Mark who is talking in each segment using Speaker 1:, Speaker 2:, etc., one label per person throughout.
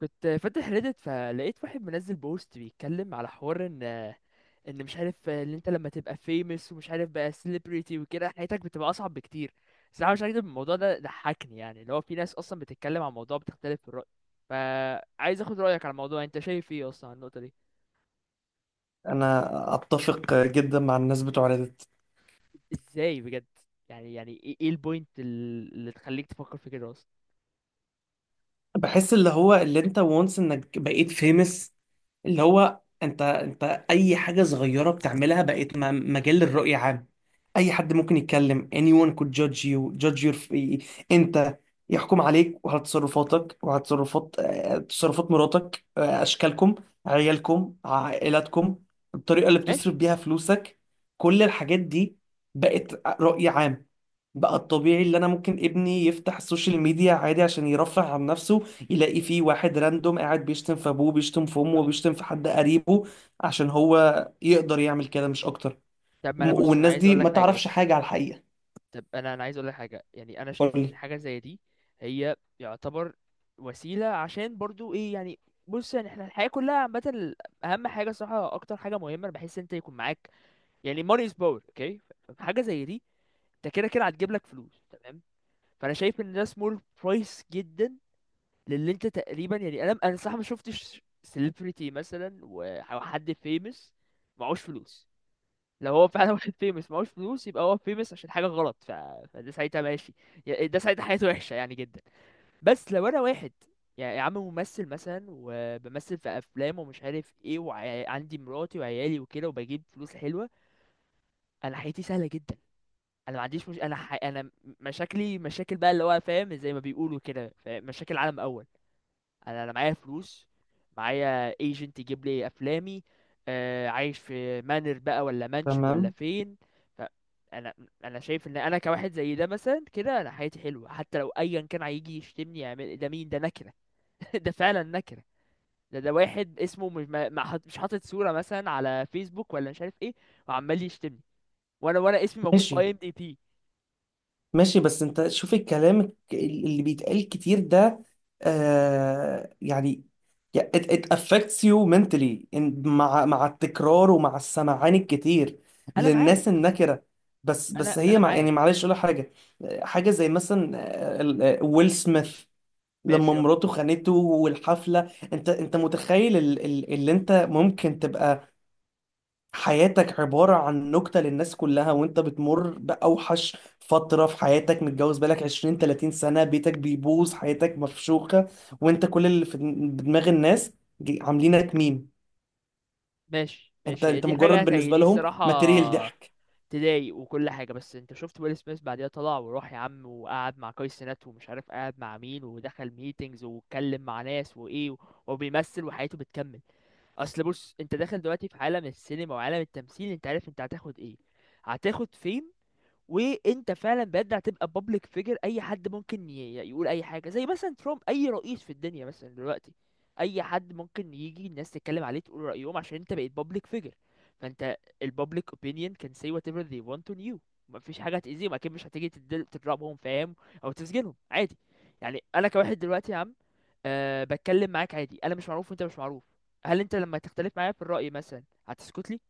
Speaker 1: كنت فاتح ريدت فلقيت واحد منزل بوست بيتكلم على حوار ان مش عارف، ان انت لما تبقى famous ومش عارف بقى celebrity وكده حياتك بتبقى اصعب بكتير. صراحة مش هكدب، الموضوع ده ضحكني، يعني اللي هو في ناس اصلا بتتكلم عن موضوع بتختلف في الرأي. فعايز اخد رأيك على الموضوع، انت شايف ايه اصلا عن النقطة دي؟
Speaker 2: انا اتفق جدا مع الناس بتوع ريدت.
Speaker 1: ازاي بجد؟ يعني ايه البوينت اللي تخليك تفكر في كده اصلا؟
Speaker 2: بحس اللي هو اللي انت وانس انك بقيت فيمس، اللي هو انت اي حاجه صغيره بتعملها بقيت مجال للرؤيه عام. اي حد ممكن يتكلم. anyone could judge you judge your انت، يحكم عليك وعلى تصرفاتك وعلى تصرفات تصرفات مراتك، اشكالكم، عيالكم، عائلاتكم، الطريقه اللي بتصرف
Speaker 1: ماشي.
Speaker 2: بيها فلوسك، كل الحاجات دي بقت رأي عام. بقى الطبيعي اللي انا ممكن ابني يفتح السوشيال ميديا عادي عشان يرفه عن نفسه، يلاقي فيه واحد راندوم قاعد بيشتم في ابوه، بيشتم في امه، وبيشتم في حد قريبه عشان هو يقدر يعمل كده مش اكتر.
Speaker 1: طب ما انا بص، انا
Speaker 2: والناس
Speaker 1: عايز
Speaker 2: دي
Speaker 1: اقول لك
Speaker 2: ما
Speaker 1: حاجة
Speaker 2: تعرفش
Speaker 1: بس.
Speaker 2: حاجة على الحقيقة.
Speaker 1: طب انا عايز اقول لك حاجه، يعني انا شايف ان
Speaker 2: قولي.
Speaker 1: حاجه زي دي هي يعتبر وسيله، عشان برضو ايه يعني. بص يعني، احنا الحياه كلها عامه، اهم حاجه صراحه، اكتر حاجه مهمه انا بحس إن انت يكون معاك، يعني money is power، اوكي؟ حاجه زي دي انت كده كده هتجيب لك فلوس، تمام؟ فانا شايف ان ده small price جدا للي انت تقريبا، يعني انا صح، ما شفتش celebrity مثلا او حد famous معهوش فلوس. لو هو فعلا واحد فيمس معهوش فلوس، يبقى هو فيمس عشان حاجه غلط فده ساعتها ماشي، ده ساعتها حياته وحشه يعني جدا. بس لو انا واحد، يعني يا عم ممثل مثلا وبمثل في افلام ومش عارف ايه، وعندي مراتي وعيالي وكده وبجيب فلوس حلوه، انا حياتي سهله جدا. انا ما عنديش، مش انا انا مشاكلي مشاكل بقى اللي هو، فاهم، زي ما بيقولوا كده، فاهم؟ مشاكل عالم اول. انا معايا فلوس، معايا ايجنت يجيب لي افلامي، آه، عايش في مانر بقى ولا مانشن ولا
Speaker 2: تمام.
Speaker 1: فين. ف- انا انا شايف ان انا كواحد زي ده مثلا كده، انا حياتي حلوه، حتى لو ايا كان هيجي يشتمني يعمل ده، مين ده؟ نكره. ده فعلا نكره. ده واحد اسمه، مش حاطط صوره مثلا على فيسبوك ولا مش عارف ايه، وعمال يشتمني، وانا اسمي موجود في اي
Speaker 2: ماشي
Speaker 1: ام دي بي.
Speaker 2: ماشي، بس انت شوف الكلام اللي بيتقال كتير ده، آه يعني، يا- it affects you mentally، مع مع التكرار ومع السمعان الكتير
Speaker 1: انا معاك.
Speaker 2: للناس النكرة. بس
Speaker 1: انا
Speaker 2: بس هي
Speaker 1: انا
Speaker 2: مع
Speaker 1: معاك.
Speaker 2: يعني، معلش اقول لك حاجة. حاجة زي مثلا ويل سميث لما
Speaker 1: ماشي، اه.
Speaker 2: مراته خانته والحفلة، انت متخيل اللي انت ممكن تبقى حياتك عبارة عن نكتة للناس كلها، وانت بتمر بأوحش فترة في حياتك، متجوز بقالك 20 30 سنة، بيتك بيبوظ، حياتك مفشوخة، وانت كل اللي في دماغ الناس، عاملينك ميم.
Speaker 1: ماشي،
Speaker 2: انت
Speaker 1: ماشي،
Speaker 2: انت
Speaker 1: دي حاجه
Speaker 2: مجرد
Speaker 1: زي
Speaker 2: بالنسبة
Speaker 1: دي
Speaker 2: لهم
Speaker 1: الصراحه
Speaker 2: ماتيريال ضحك.
Speaker 1: تضايق وكل حاجة، بس انت شفت ويل سميث بعديها طلع وراح يا عم، وقعد مع كاي سينات ومش عارف قعد مع مين، ودخل ميتينجز واتكلم مع ناس، وايه وبيمثل وحياته بتكمل. اصل بص، انت داخل دلوقتي في عالم السينما وعالم التمثيل، انت عارف انت هتاخد ايه، هتاخد فيم. وانت فعلا بجد هتبقى بابليك فيجر، اي حد ممكن يقول اي حاجه، زي مثلا ترامب، اي رئيس في الدنيا مثلا دلوقتي، اي حد ممكن يجي الناس تتكلم عليه تقول رايهم عشان انت بقيت بابليك فيجر. فانت، البابليك opinion can say whatever they want on you. مفيش حاجه هتاذيهم، اكيد مش هتيجي تضربهم، فاهم؟ او تسجنهم، عادي. يعني انا كواحد دلوقتي يا عم، بتكلم معاك عادي، انا مش معروف وانت مش معروف، هل انت لما تختلف معايا في الراي مثلا هتسكت لي؟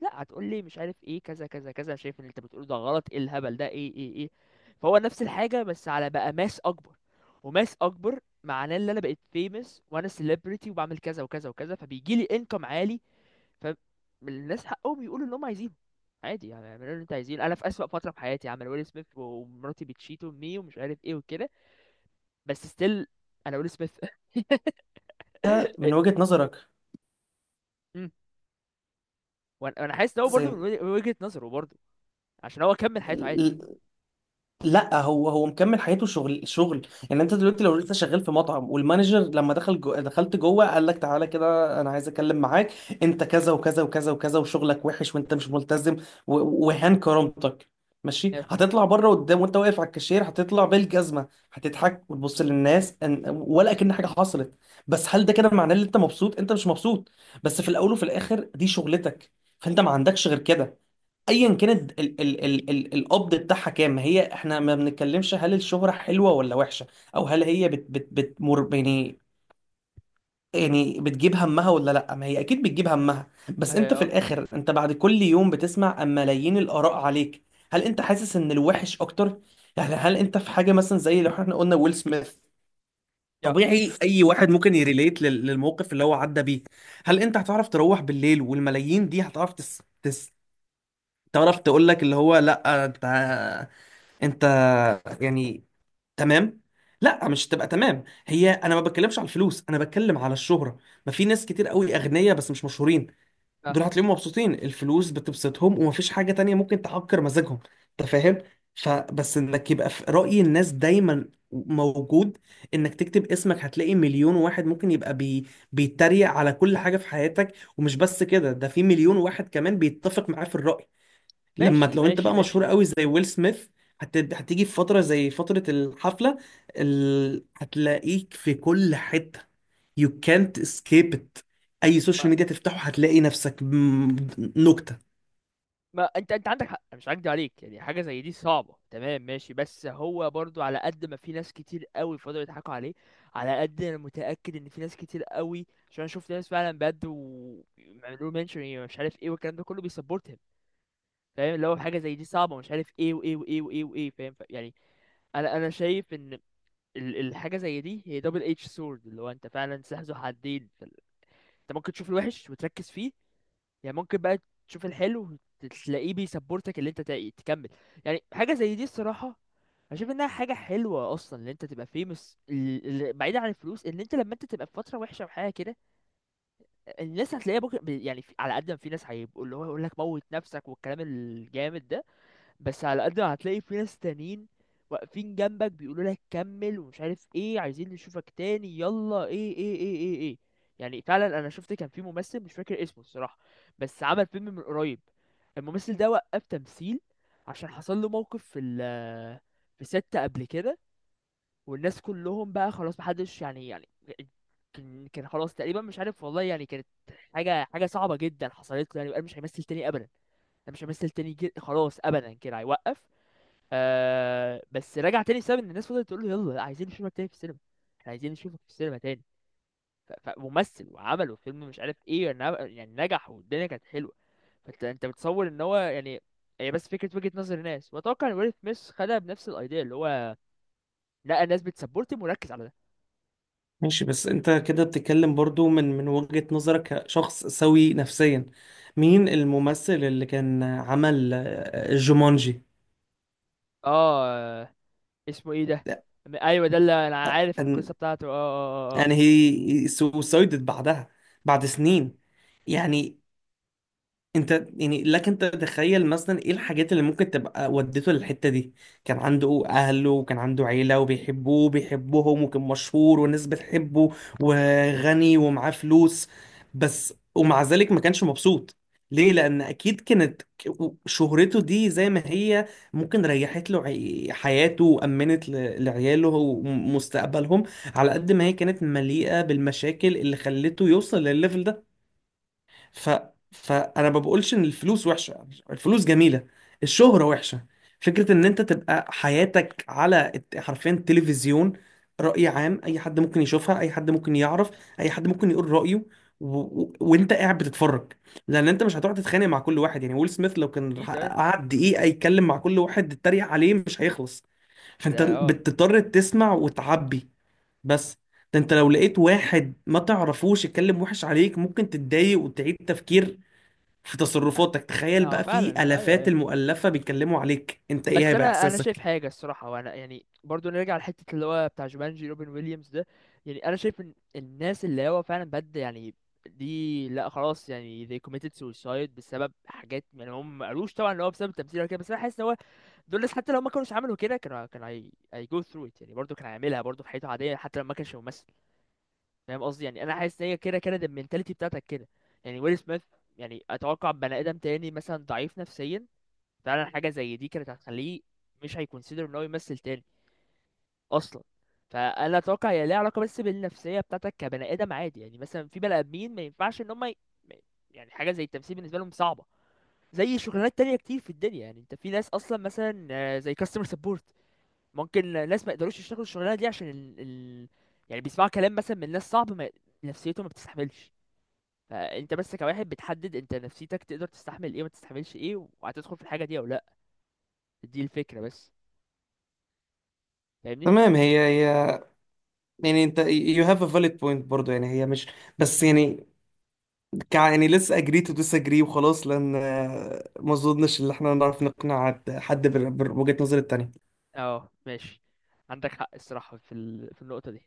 Speaker 1: لا، هتقول لي مش عارف ايه، كذا كذا كذا، شايف ان اللي انت بتقوله ده غلط، ايه الهبل ده، ايه ايه ايه. فهو نفس الحاجه، بس على بقى ماس اكبر. وماس اكبر معناه ان انا بقيت فيمس، وانا سيلبرتي، وبعمل كذا وكذا وكذا، فبيجي لي انكم عالي. فالناس حقهم يقولوا اللي هم عايزينه، عادي، يعني اعملوا اللي انت عايزينه، انا في اسوأ فتره في حياتي عمل ويل سميث ومراتي بتشيت امي ومش عارف ايه وكده، بس ستيل انا ويل سميث.
Speaker 2: ده من وجهة نظرك،
Speaker 1: مم. وانا، أنا حاسس ان هو برضه من وجهة نظره برضه، عشان هو كمل حياته عادي.
Speaker 2: بس لا، هو مكمل حياته شغل شغل. يعني انت دلوقتي لو لسه شغال في مطعم والمانجر لما دخل جو، دخلت جوه قال لك تعالى كده انا عايز اتكلم معاك، انت كذا وكذا وكذا وكذا وشغلك وحش وانت مش ملتزم، وهان كرامتك. ماشي، هتطلع بره قدام وانت واقف على الكاشير، هتطلع بالجزمه، هتضحك وتبص للناس ولا كأن حاجه حصلت. بس هل ده كده معناه ان انت مبسوط؟ انت مش مبسوط، بس في الاول وفي الاخر دي شغلتك، فانت ما عندكش غير كده. ايا كانت ال القبض بتاعها كام، هي احنا ما بنتكلمش هل الشهرة حلوة ولا وحشة، او هل هي بت بتمر يعني، يعني بتجيب همها ولا لا؟ ما هي اكيد بتجيب همها. بس انت في
Speaker 1: اه.
Speaker 2: الاخر، انت بعد كل يوم بتسمع أم ملايين الاراء عليك. هل انت حاسس ان الوحش اكتر؟ يعني هل انت في حاجة مثلا زي لو احنا قلنا ويل سميث،
Speaker 1: يا.
Speaker 2: طبيعي اي واحد ممكن يريليت للموقف اللي هو عدى بيه. هل انت هتعرف تروح بالليل والملايين دي هتعرف تعرف تقول لك اللي هو لا، انت، انت يعني. تمام. لا، مش تبقى تمام، هي انا ما بتكلمش على الفلوس، انا بتكلم على الشهرة. ما في ناس كتير قوي اغنياء بس مش مشهورين،
Speaker 1: آه.
Speaker 2: دول هتلاقيهم مبسوطين، الفلوس بتبسطهم ومفيش حاجة تانية ممكن تعكر مزاجهم. انت فاهم؟ فبس انك يبقى في رأي الناس دايما موجود، انك تكتب اسمك هتلاقي مليون واحد ممكن يبقى بيتريق على كل حاجة في حياتك، ومش بس كده، ده في مليون واحد كمان بيتفق معاه في الرأي. لما
Speaker 1: ماشي،
Speaker 2: لو انت
Speaker 1: ماشي،
Speaker 2: بقى مشهور
Speaker 1: ماشي.
Speaker 2: قوي زي ويل سميث، هتيجي في فترة زي فترة الحفلة، هتلاقيك في كل حتة. you can't escape it. اي
Speaker 1: ما,
Speaker 2: سوشيال ميديا تفتحه هتلاقي نفسك نكتة.
Speaker 1: ما انت عندك حق، أنا مش هكدب عليك، يعني حاجه زي دي صعبه، تمام؟ ماشي. بس هو برضو، على قد ما في ناس كتير قوي فضلوا يضحكوا عليه، على قد انا متاكد ان في ناس كتير قوي، عشان انا شفت ناس فعلا بجد وعملوا منشن يعني مش عارف ايه والكلام ده كله بيسبورتهم. فاهم اللي هو حاجه زي دي صعبه مش عارف ايه وايه وايه وايه وايه، فاهم؟ يعني انا شايف ان الحاجه زي دي هي دبل اتش سورد، اللي هو انت فعلا سلاح ذو حدين. انت ممكن تشوف الوحش وتركز فيه، يعني ممكن بقى تشوف الحلو، تلاقيه بيسبورتك اللي انت تكمل. يعني حاجه زي دي الصراحه اشوف انها حاجه حلوه اصلا ان انت تبقى فيمس، بعيدا عن الفلوس. ان انت لما انت تبقى في فتره وحشه وحاجه كده، الناس هتلاقيها بكره، يعني على قد ما في ناس هيبقوا اللي هو يقول لك موت نفسك والكلام الجامد ده، بس على قد ما هتلاقي في ناس تانيين واقفين جنبك بيقولوا لك كمل، ومش عارف ايه، عايزين نشوفك تاني، يلا، ايه ايه ايه ايه ايه. يعني فعلا انا شفت، كان في ممثل مش فاكر اسمه الصراحة، بس عمل فيلم من قريب، الممثل ده وقف تمثيل عشان حصل له موقف في ال، في ست قبل كده، والناس كلهم بقى خلاص محدش، يعني يعني كان خلاص تقريبا مش عارف، والله يعني، كانت حاجة صعبة جدا حصلت له، يعني وقال مش هيمثل تاني ابدا، انا مش همثل تاني جد خلاص ابدا كده، هيوقف. آه. بس رجع تاني بسبب ان الناس فضلت تقول له يلا عايزين نشوفك تاني في السينما، احنا عايزين نشوفك في السينما تاني. فممثل وعمله فيلم مش عارف ايه، يعني يعني نجح والدنيا كانت حلوه. فانت بتصور ان هو، يعني هي بس فكره وجهه نظر الناس، واتوقع ان ويل سميث خدها بنفس الايديا، اللي هو لا، الناس بتسبورت مركز على ده.
Speaker 2: ماشي، بس انت كده بتتكلم برضو من وجهة نظرك كشخص سوي نفسيا. مين الممثل اللي كان عمل جومانجي؟
Speaker 1: اه. اسمه ايه ده؟ ايوه، ده اللي انا عارف
Speaker 2: and
Speaker 1: القصه بتاعته، اه اه اه، آه.
Speaker 2: and he suicided بعدها، بعد
Speaker 1: م.
Speaker 2: سنين. يعني انت، يعني لك انت تتخيل مثلا ايه الحاجات اللي ممكن تبقى ودته للحتة دي؟ كان عنده اهله وكان عنده عيلة وبيحبوه وبيحبهم، وكان مشهور والناس بتحبه، وغني ومعاه فلوس، بس ومع ذلك ما كانش مبسوط. ليه؟ لان اكيد كانت شهرته دي زي ما هي ممكن ريحت له حياته وامنت لعياله ومستقبلهم، على قد ما هي كانت مليئة بالمشاكل اللي خلته يوصل للليفل ده. ف... فانا ما بقولش ان الفلوس وحشه، الفلوس جميله. الشهره وحشه. فكره ان انت تبقى حياتك على حرفيا تلفزيون، راي عام، اي حد ممكن يشوفها، اي حد ممكن يعرف، اي حد ممكن يقول رايه، وانت قاعد بتتفرج، لان انت مش هتقعد تتخانق مع كل واحد. يعني ويل سميث لو كان
Speaker 1: ايه ده؟
Speaker 2: قعد دقيقه يتكلم مع كل واحد تتريق عليه مش هيخلص،
Speaker 1: ده
Speaker 2: فانت
Speaker 1: اه.
Speaker 2: بتضطر تسمع وتعبي. بس ده انت لو لقيت واحد ما تعرفوش يتكلم وحش عليك ممكن تتضايق وتعيد تفكير في تصرفاتك، تخيل
Speaker 1: اه
Speaker 2: بقى
Speaker 1: فعلا،
Speaker 2: في
Speaker 1: ايوه
Speaker 2: آلافات
Speaker 1: ايوه.
Speaker 2: المؤلفة بيتكلموا عليك انت، ايه
Speaker 1: بس
Speaker 2: هيبقى
Speaker 1: انا شايف
Speaker 2: احساسك؟
Speaker 1: حاجه الصراحه، وانا يعني برضو نرجع لحته اللي هو بتاع جومانجي، روبن ويليامز ده. يعني انا شايف ان الناس اللي هو فعلا بد يعني دي، لا خلاص، يعني they committed suicide بسبب حاجات، يعني هم ما قالوش طبعا ان هو بسبب التمثيل ولا كده، بس انا حاسس ان هو، دول الناس حتى لو ما كانوش عملوا كده، كانوا كانوا هي go through it، يعني برضو كان هيعملها برضو في حياته عاديه حتى لو ما كانش ممثل. فاهم قصدي؟ يعني انا حاسس ان هي كده كده المينتاليتي بتاعتك كده، يعني ويل سميث، يعني اتوقع بني ادم تاني مثلا ضعيف نفسيا فعلا حاجه زي دي كانت هتخليه مش هيكونسيدر ان هو يمثل تاني اصلا. فانا اتوقع هي ليها علاقه بس بالنفسيه بتاعتك كبني ادم عادي، يعني مثلا في بني ادمين ما ينفعش ان هم ي... ما- يعني حاجه زي التمثيل بالنسبه لهم صعبه، زي شغلانات تانية كتير في الدنيا، يعني انت في ناس اصلا مثلا آه، زي كاستمر سبورت، ممكن ناس ما يقدروش يشتغلوا الشغلانه دي عشان يعني بيسمعوا كلام مثلا من ناس صعب، ما... نفسيته ما بتستحملش. فانت بس كواحد بتحدد انت نفسيتك تقدر تستحمل ايه وما تستحملش ايه، وهتدخل في الحاجه دي او لا، دي الفكره بس. فاهمني؟
Speaker 2: تمام، هي يعني انت you have a valid point برضو، يعني هي مش، بس يعني، كع يعني let's agree to disagree وخلاص، لان ما اظنش ان احنا نعرف نقنع حد بوجهة نظر التانية.
Speaker 1: اه، ماشي. عندك حق الصراحة في في النقطة دي.